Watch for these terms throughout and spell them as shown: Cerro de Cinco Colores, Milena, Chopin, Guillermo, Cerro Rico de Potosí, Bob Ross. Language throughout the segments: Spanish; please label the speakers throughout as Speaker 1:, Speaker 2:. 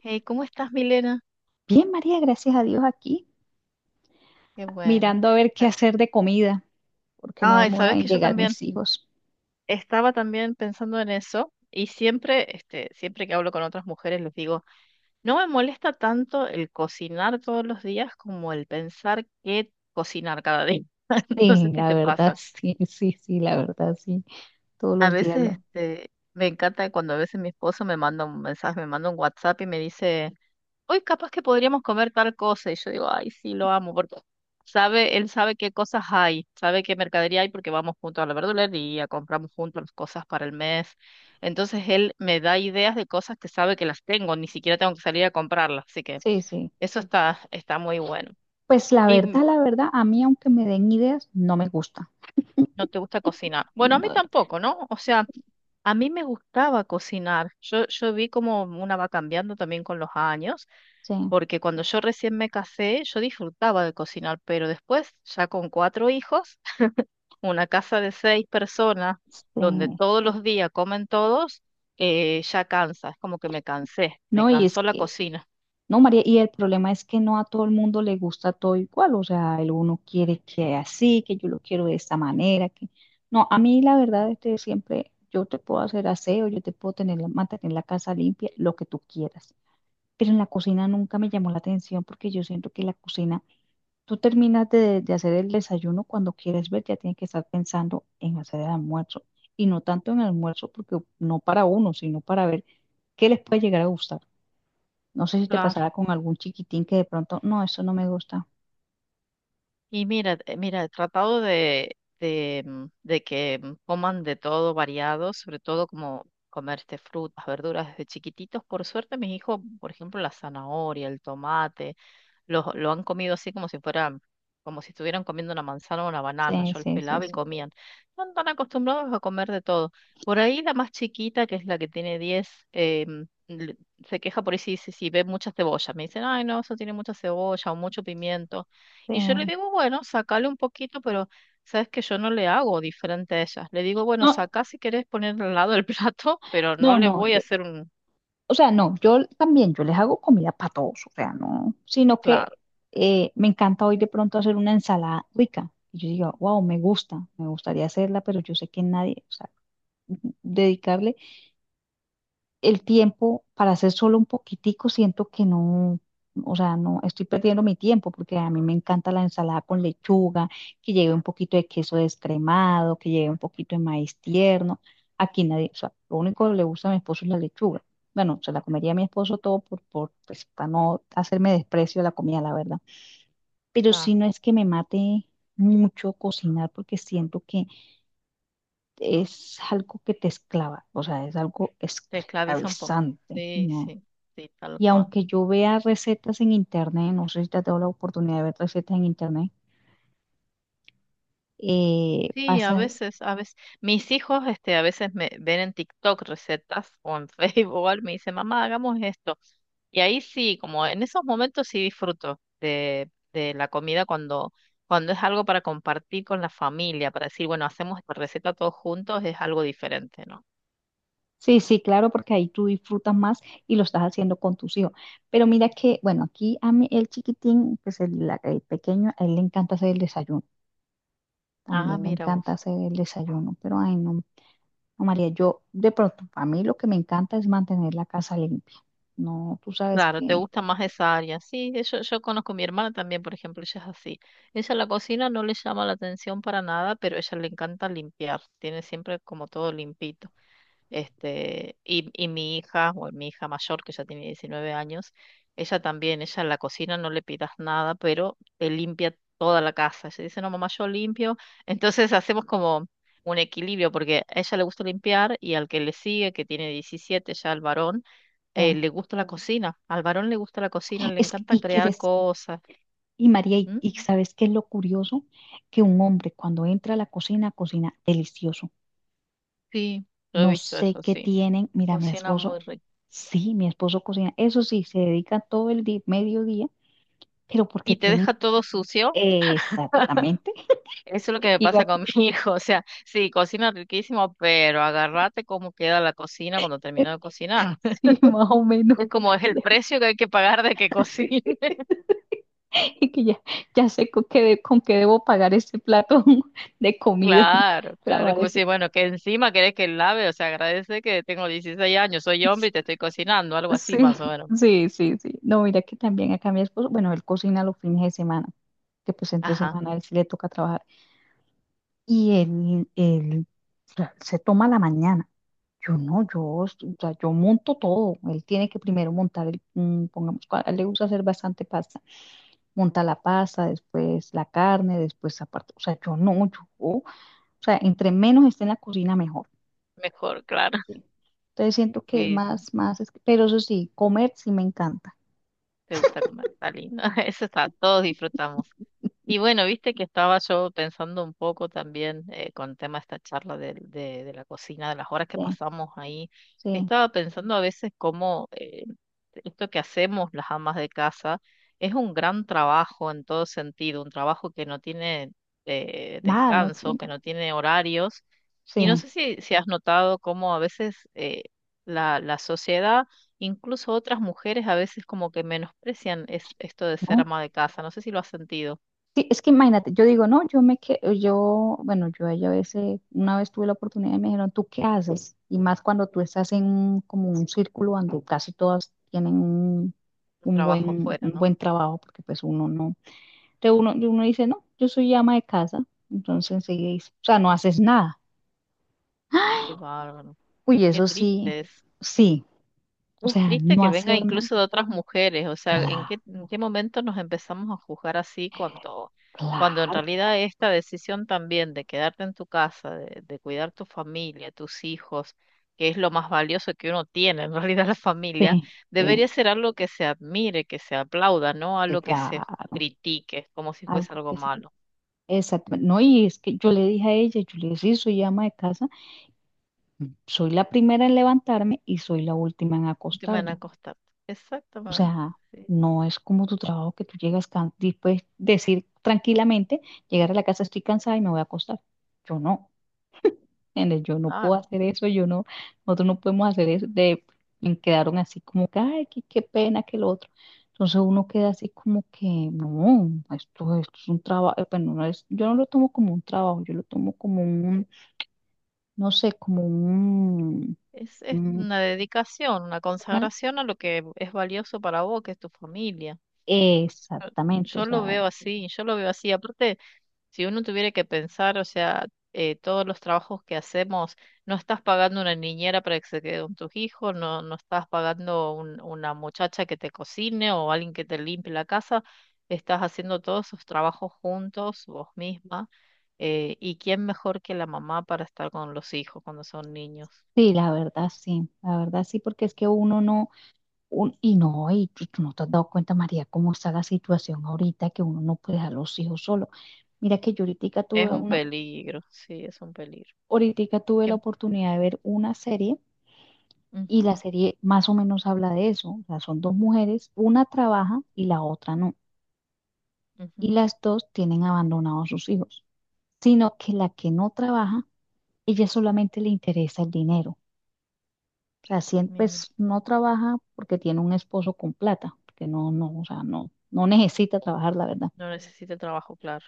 Speaker 1: Hey, ¿cómo estás, Milena?
Speaker 2: Bien, María, gracias a Dios aquí,
Speaker 1: Qué bueno.
Speaker 2: mirando a ver qué hacer de comida, porque no
Speaker 1: Ah, Ay,
Speaker 2: demora
Speaker 1: sabes
Speaker 2: en
Speaker 1: que yo
Speaker 2: llegar
Speaker 1: también
Speaker 2: mis hijos.
Speaker 1: estaba también pensando en eso y siempre que hablo con otras mujeres les digo, no me molesta tanto el cocinar todos los días como el pensar qué cocinar cada día. No sé
Speaker 2: Sí,
Speaker 1: si
Speaker 2: la
Speaker 1: te
Speaker 2: verdad,
Speaker 1: pasa.
Speaker 2: sí, sí, sí, la verdad, sí. Todos
Speaker 1: A
Speaker 2: los días
Speaker 1: veces,
Speaker 2: lo.
Speaker 1: me encanta cuando a veces mi esposo me manda un mensaje, me manda un WhatsApp y me dice hoy capaz que podríamos comer tal cosa. Y yo digo, ay, sí, lo amo, porque sabe, él sabe qué cosas hay, sabe qué mercadería hay porque vamos juntos a la verdulería, compramos juntos las cosas para el mes. Entonces él me da ideas de cosas que sabe que las tengo, ni siquiera tengo que salir a comprarlas. Así que
Speaker 2: Sí, sí.
Speaker 1: eso está, está muy bueno.
Speaker 2: Pues
Speaker 1: Y
Speaker 2: la verdad, a mí aunque me den ideas, no me gusta.
Speaker 1: no te gusta cocinar. Bueno, a mí
Speaker 2: No, no,
Speaker 1: tampoco, ¿no? O
Speaker 2: es
Speaker 1: sea,
Speaker 2: que-
Speaker 1: a mí me gustaba cocinar. Yo vi como una va cambiando también con los años,
Speaker 2: Sí,
Speaker 1: porque cuando yo recién me casé, yo disfrutaba de cocinar, pero después, ya con cuatro hijos, una casa de seis personas, donde
Speaker 2: sí.
Speaker 1: todos los días comen todos, ya cansa, es como que me cansé, me
Speaker 2: No, y es
Speaker 1: cansó la
Speaker 2: que
Speaker 1: cocina.
Speaker 2: No, María, y el problema es que no a todo el mundo le gusta todo igual, o sea, el uno quiere que así, que yo lo quiero de esta manera, que no, a mí la verdad es que siempre yo te puedo hacer aseo, yo te puedo tener mantener la casa limpia, lo que tú quieras, pero en la cocina nunca me llamó la atención porque yo siento que la cocina, tú terminas de hacer el desayuno cuando quieres ver, ya tienes que estar pensando en hacer el almuerzo, y no tanto en el almuerzo, porque no para uno, sino para ver qué les puede llegar a gustar. No sé si te pasará con algún chiquitín que de pronto, no, eso no me gusta.
Speaker 1: Y mira, he tratado de que coman de todo variado, sobre todo como comer frutas, verduras desde chiquititos. Por suerte, mis hijos, por ejemplo, la zanahoria, el tomate, lo han comido así como si fueran, como si estuvieran comiendo una manzana o una banana.
Speaker 2: Sí,
Speaker 1: Yo los
Speaker 2: sí, sí,
Speaker 1: pelaba y
Speaker 2: sí,
Speaker 1: comían. No están tan acostumbrados a comer de todo. Por ahí la más chiquita, que es la que tiene 10, le- se queja por ahí si ve mucha cebolla. Me dicen, ay, no, eso tiene mucha cebolla o mucho pimiento. Y yo le
Speaker 2: sí.
Speaker 1: digo, bueno, sacale un poquito, pero sabes que yo no le hago diferente a ella. Le digo, bueno,
Speaker 2: No,
Speaker 1: sacá si querés poner al lado el plato, pero no
Speaker 2: no,
Speaker 1: le
Speaker 2: no,
Speaker 1: voy a
Speaker 2: yo,
Speaker 1: hacer un.
Speaker 2: o sea, no, yo también, yo les hago comida para todos, o sea, no, sino que
Speaker 1: Claro,
Speaker 2: me encanta hoy de pronto hacer una ensalada rica. Y yo digo, wow, me gusta, me gustaría hacerla, pero yo sé que nadie, o sea, dedicarle el tiempo para hacer solo un poquitico, siento que no, o sea, no estoy perdiendo mi tiempo porque a mí me encanta la ensalada con lechuga, que lleve un poquito de queso descremado, que lleve un poquito de maíz tierno. Aquí nadie, o sea, lo único que le gusta a mi esposo es la lechuga. Bueno, se la comería a mi esposo todo pues, para no hacerme desprecio de la comida, la verdad. Pero
Speaker 1: claro,
Speaker 2: si no es que me mate mucho cocinar porque siento que es algo que te esclava, o sea, es algo
Speaker 1: te esclaviza un poco.
Speaker 2: esclavizante,
Speaker 1: Sí,
Speaker 2: ¿no?
Speaker 1: sí, sí, tal
Speaker 2: Y
Speaker 1: cual.
Speaker 2: aunque yo vea recetas en internet, no sé si te has dado la oportunidad de ver recetas en internet,
Speaker 1: Sí, a
Speaker 2: pasa,
Speaker 1: veces, a veces, mis hijos, a veces me ven en TikTok recetas o en Facebook, o algo, me dicen, mamá, hagamos esto. Y ahí sí, como en esos momentos sí disfruto de la comida cuando, cuando es algo para compartir con la familia, para decir, bueno, hacemos esta receta todos juntos, es algo diferente, ¿no?
Speaker 2: sí, sí, claro, porque ahí tú disfrutas más y lo estás haciendo con tus hijos. Pero mira que, bueno, aquí a mí el chiquitín, pues el pequeño, a él le encanta hacer el desayuno,
Speaker 1: Ah,
Speaker 2: también le
Speaker 1: mira
Speaker 2: encanta
Speaker 1: vos.
Speaker 2: hacer el desayuno, pero ay, no. No, María, yo de pronto, a mí lo que me encanta es mantener la casa limpia. No, tú sabes
Speaker 1: Claro, te
Speaker 2: que,
Speaker 1: gusta más esa área. Sí, yo conozco a mi hermana también, por ejemplo, ella es así. Ella la cocina no le llama la atención para nada, pero a ella le encanta limpiar, tiene siempre como todo limpito. Y mi hija, o mi hija mayor, que ya tiene 19 años, ella también, ella en la cocina no le pidas nada, pero te limpia toda la casa. Ella dice, no, mamá, yo limpio. Entonces hacemos como un equilibrio, porque a ella le gusta limpiar y al que le sigue, que tiene 17 ya, el varón,
Speaker 2: eh,
Speaker 1: le gusta la cocina. Al varón le gusta la cocina, le
Speaker 2: es que-
Speaker 1: encanta
Speaker 2: y que
Speaker 1: crear
Speaker 2: des-
Speaker 1: cosas.
Speaker 2: Y María, ¿y,
Speaker 1: ¿Mm?
Speaker 2: y sabes qué es lo curioso? Que un hombre cuando entra a la cocina, cocina delicioso.
Speaker 1: Sí, yo he
Speaker 2: No
Speaker 1: visto
Speaker 2: sé
Speaker 1: eso,
Speaker 2: qué
Speaker 1: sí.
Speaker 2: tienen. Mira, mi
Speaker 1: Cocina
Speaker 2: esposo,
Speaker 1: muy rico.
Speaker 2: sí, mi esposo cocina. Eso sí, se dedica todo el día, mediodía, pero porque
Speaker 1: ¿Y te
Speaker 2: tienen
Speaker 1: deja todo sucio?
Speaker 2: exactamente,
Speaker 1: Eso es lo que me pasa
Speaker 2: iba
Speaker 1: con mi hijo. O sea, sí, cocina riquísimo, pero agárrate cómo queda la cocina cuando termino de cocinar.
Speaker 2: sí, más o menos.
Speaker 1: Es como es el precio que hay que pagar de que
Speaker 2: Sí.
Speaker 1: cocine.
Speaker 2: Y que ya, ya sé con qué, con qué debo pagar ese plato de comida,
Speaker 1: Claro, claro. Es
Speaker 2: lavar
Speaker 1: como
Speaker 2: ese.
Speaker 1: si, bueno, que encima querés que lave. O sea, agradece que tengo 16 años, soy hombre y te estoy cocinando, algo
Speaker 2: Sí,
Speaker 1: así más o menos.
Speaker 2: sí, sí, sí. No, mira que también acá mi esposo, bueno, él cocina los fines de semana, que pues entre
Speaker 1: Ajá,
Speaker 2: semana a él sí le toca trabajar. Y él, él, o sea, se toma la mañana. Yo no, o sea, yo monto todo. Él tiene que primero montar pongamos, a él le gusta hacer bastante pasta. Monta la pasta, después la carne, después aparte. O sea, yo no, yo, o sea, entre menos esté en la cocina, mejor.
Speaker 1: mejor, claro.
Speaker 2: ¿Sí? Entonces siento que es
Speaker 1: Sí, sí.
Speaker 2: más, más, es- pero eso sí, comer sí me encanta.
Speaker 1: Te gusta comer, está lindo. Eso está, todos disfrutamos. Y bueno, viste que estaba yo pensando un poco también con el tema de esta charla de la cocina, de las horas que
Speaker 2: Sí,
Speaker 1: pasamos ahí.
Speaker 2: sí.
Speaker 1: Estaba pensando a veces cómo esto que hacemos las amas de casa es un gran trabajo en todo sentido, un trabajo que no tiene
Speaker 2: Nada, no
Speaker 1: descanso, que
Speaker 2: tiene.
Speaker 1: no tiene horarios. Y no
Speaker 2: Sí,
Speaker 1: sé si has notado cómo a veces la sociedad, incluso otras mujeres, a veces como que menosprecian esto de ser
Speaker 2: ¿no?
Speaker 1: ama de casa. No sé si lo has sentido.
Speaker 2: Sí, es que imagínate, yo digo, no, yo me quedo, yo, bueno, yo ahí a veces, una vez tuve la oportunidad y me dijeron, ¿tú qué haces? Y más cuando tú estás en como un círculo donde casi todas tienen un,
Speaker 1: Trabajo afuera,
Speaker 2: un
Speaker 1: ¿no?
Speaker 2: buen trabajo, porque pues uno no, entonces uno, y uno dice, no, yo soy ama de casa, entonces enseguida dice, o sea, no haces nada.
Speaker 1: Qué bárbaro,
Speaker 2: Uy,
Speaker 1: qué
Speaker 2: eso sí,
Speaker 1: triste es.
Speaker 2: sí, o
Speaker 1: Es
Speaker 2: sea,
Speaker 1: triste
Speaker 2: no
Speaker 1: que venga
Speaker 2: hacer nada,
Speaker 1: incluso de otras mujeres, o sea, ¿en
Speaker 2: claro,
Speaker 1: qué momento nos empezamos a juzgar así cuando en
Speaker 2: claro,
Speaker 1: realidad esta decisión también de quedarte en tu casa, de cuidar tu familia, tus hijos, que es lo más valioso que uno tiene, en realidad la familia,
Speaker 2: sí, sí,
Speaker 1: debería ser algo que se admire, que se aplauda, no
Speaker 2: sí,
Speaker 1: algo que se
Speaker 2: claro,
Speaker 1: critique como si fuese
Speaker 2: algo
Speaker 1: algo
Speaker 2: que sí.
Speaker 1: malo.
Speaker 2: Exacto. No, y es que yo le dije a ella, yo le dije, sí, soy ama de casa, soy la primera en levantarme y soy la última en
Speaker 1: No te van a
Speaker 2: acostarme.
Speaker 1: costar.
Speaker 2: O
Speaker 1: Exactamente.
Speaker 2: sea,
Speaker 1: Sí,
Speaker 2: no es como tu trabajo que tú llegas y puedes decir tranquilamente, llegar a la casa estoy cansada y me voy a acostar. Yo no, ¿entiendes? Yo no puedo
Speaker 1: claro.
Speaker 2: hacer eso, yo no, nosotros no podemos hacer eso. De, y quedaron así como que, ay, qué, qué pena que lo otro. Entonces uno queda así como que, no, esto es un trabajo, bueno, no es, yo no lo tomo como un trabajo, yo lo tomo como un no sé, como un,
Speaker 1: Es
Speaker 2: un-
Speaker 1: una dedicación, una
Speaker 2: una,
Speaker 1: consagración a lo que es valioso para vos, que es tu familia.
Speaker 2: exactamente, o
Speaker 1: Yo lo
Speaker 2: sea,
Speaker 1: veo así, yo lo veo así. Aparte, si uno tuviera que pensar, o sea, todos los trabajos que hacemos, no estás pagando una niñera para que se quede con tus hijos, no, no estás pagando una muchacha que te cocine o alguien que te limpie la casa, estás haciendo todos esos trabajos juntos, vos misma. ¿Y quién mejor que la mamá para estar con los hijos cuando son niños?
Speaker 2: sí, la verdad sí, la verdad sí, porque es que uno no, y no, y tú no te has dado cuenta, María, cómo está la situación ahorita, que uno no puede dejar los hijos solos. Mira que yo ahorita
Speaker 1: Es
Speaker 2: tuve
Speaker 1: un
Speaker 2: una,
Speaker 1: peligro, sí, es un peligro.
Speaker 2: ahorita tuve la
Speaker 1: Que-
Speaker 2: oportunidad de ver una serie, y
Speaker 1: Ujú,
Speaker 2: la serie más o menos habla de eso, o sea, son dos mujeres, una trabaja y la otra no, y
Speaker 1: ujú,
Speaker 2: las dos tienen abandonados sus hijos, sino que la que no trabaja, ella solamente le interesa el dinero. Así,
Speaker 1: mira,
Speaker 2: pues no trabaja porque tiene un esposo con plata, porque no, no, o sea, no, no necesita trabajar, la verdad.
Speaker 1: no necesita trabajo, claro,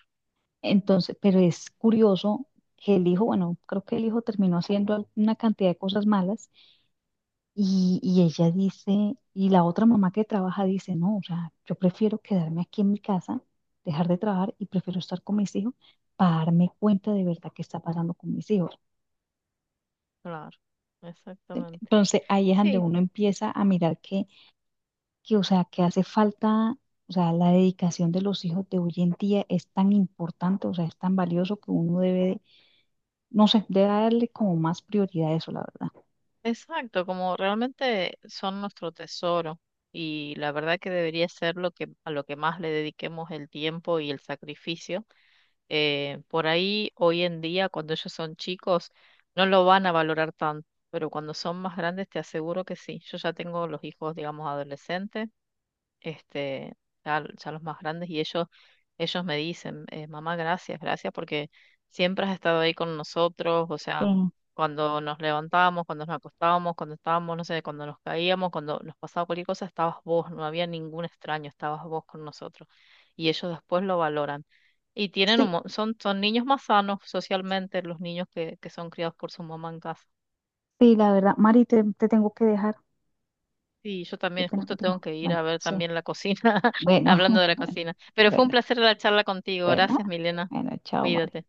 Speaker 2: Entonces, pero es curioso que el hijo, bueno, creo que el hijo terminó haciendo una cantidad de cosas malas y ella dice, y la otra mamá que trabaja dice, no, o sea, yo prefiero quedarme aquí en mi casa, dejar de trabajar y prefiero estar con mis hijos para darme cuenta de verdad qué está pasando con mis hijos.
Speaker 1: claro, exactamente.
Speaker 2: Entonces, ahí es donde
Speaker 1: Sí,
Speaker 2: uno empieza a mirar que o sea, que hace falta, o sea, la dedicación de los hijos de hoy en día es tan importante, o sea, es tan valioso que uno debe, no sé, debe darle como más prioridad a eso, la verdad.
Speaker 1: exacto, como realmente son nuestro tesoro y la verdad que debería ser a lo que más le dediquemos el tiempo y el sacrificio. Por ahí, hoy en día, cuando ellos son chicos, no lo van a valorar tanto, pero cuando son más grandes, te aseguro que sí. Yo ya tengo los hijos, digamos, adolescentes. este, ya los más grandes, y ellos me dicen, mamá, gracias, gracias porque siempre has estado ahí con nosotros, o
Speaker 2: Sí,
Speaker 1: sea, cuando nos levantábamos, cuando nos acostábamos, cuando estábamos, no sé, cuando nos caíamos, cuando nos pasaba cualquier cosa, estabas vos, no había ningún extraño, estabas vos con nosotros. Y ellos después lo valoran. Y tienen
Speaker 2: sí,
Speaker 1: son niños más sanos socialmente, los niños que son criados por su mamá en casa.
Speaker 2: sí, la verdad. Mari, te tengo que dejar.
Speaker 1: Sí, yo
Speaker 2: Qué
Speaker 1: también
Speaker 2: pena
Speaker 1: justo tengo
Speaker 2: contigo.
Speaker 1: que ir a
Speaker 2: Bueno,
Speaker 1: ver
Speaker 2: sí.
Speaker 1: también la cocina,
Speaker 2: Bueno,
Speaker 1: hablando de la
Speaker 2: bueno,
Speaker 1: cocina. Pero fue un
Speaker 2: bueno,
Speaker 1: placer la charla contigo.
Speaker 2: bueno.
Speaker 1: Gracias, Milena.
Speaker 2: Bueno, chao, Mari.
Speaker 1: Cuídate.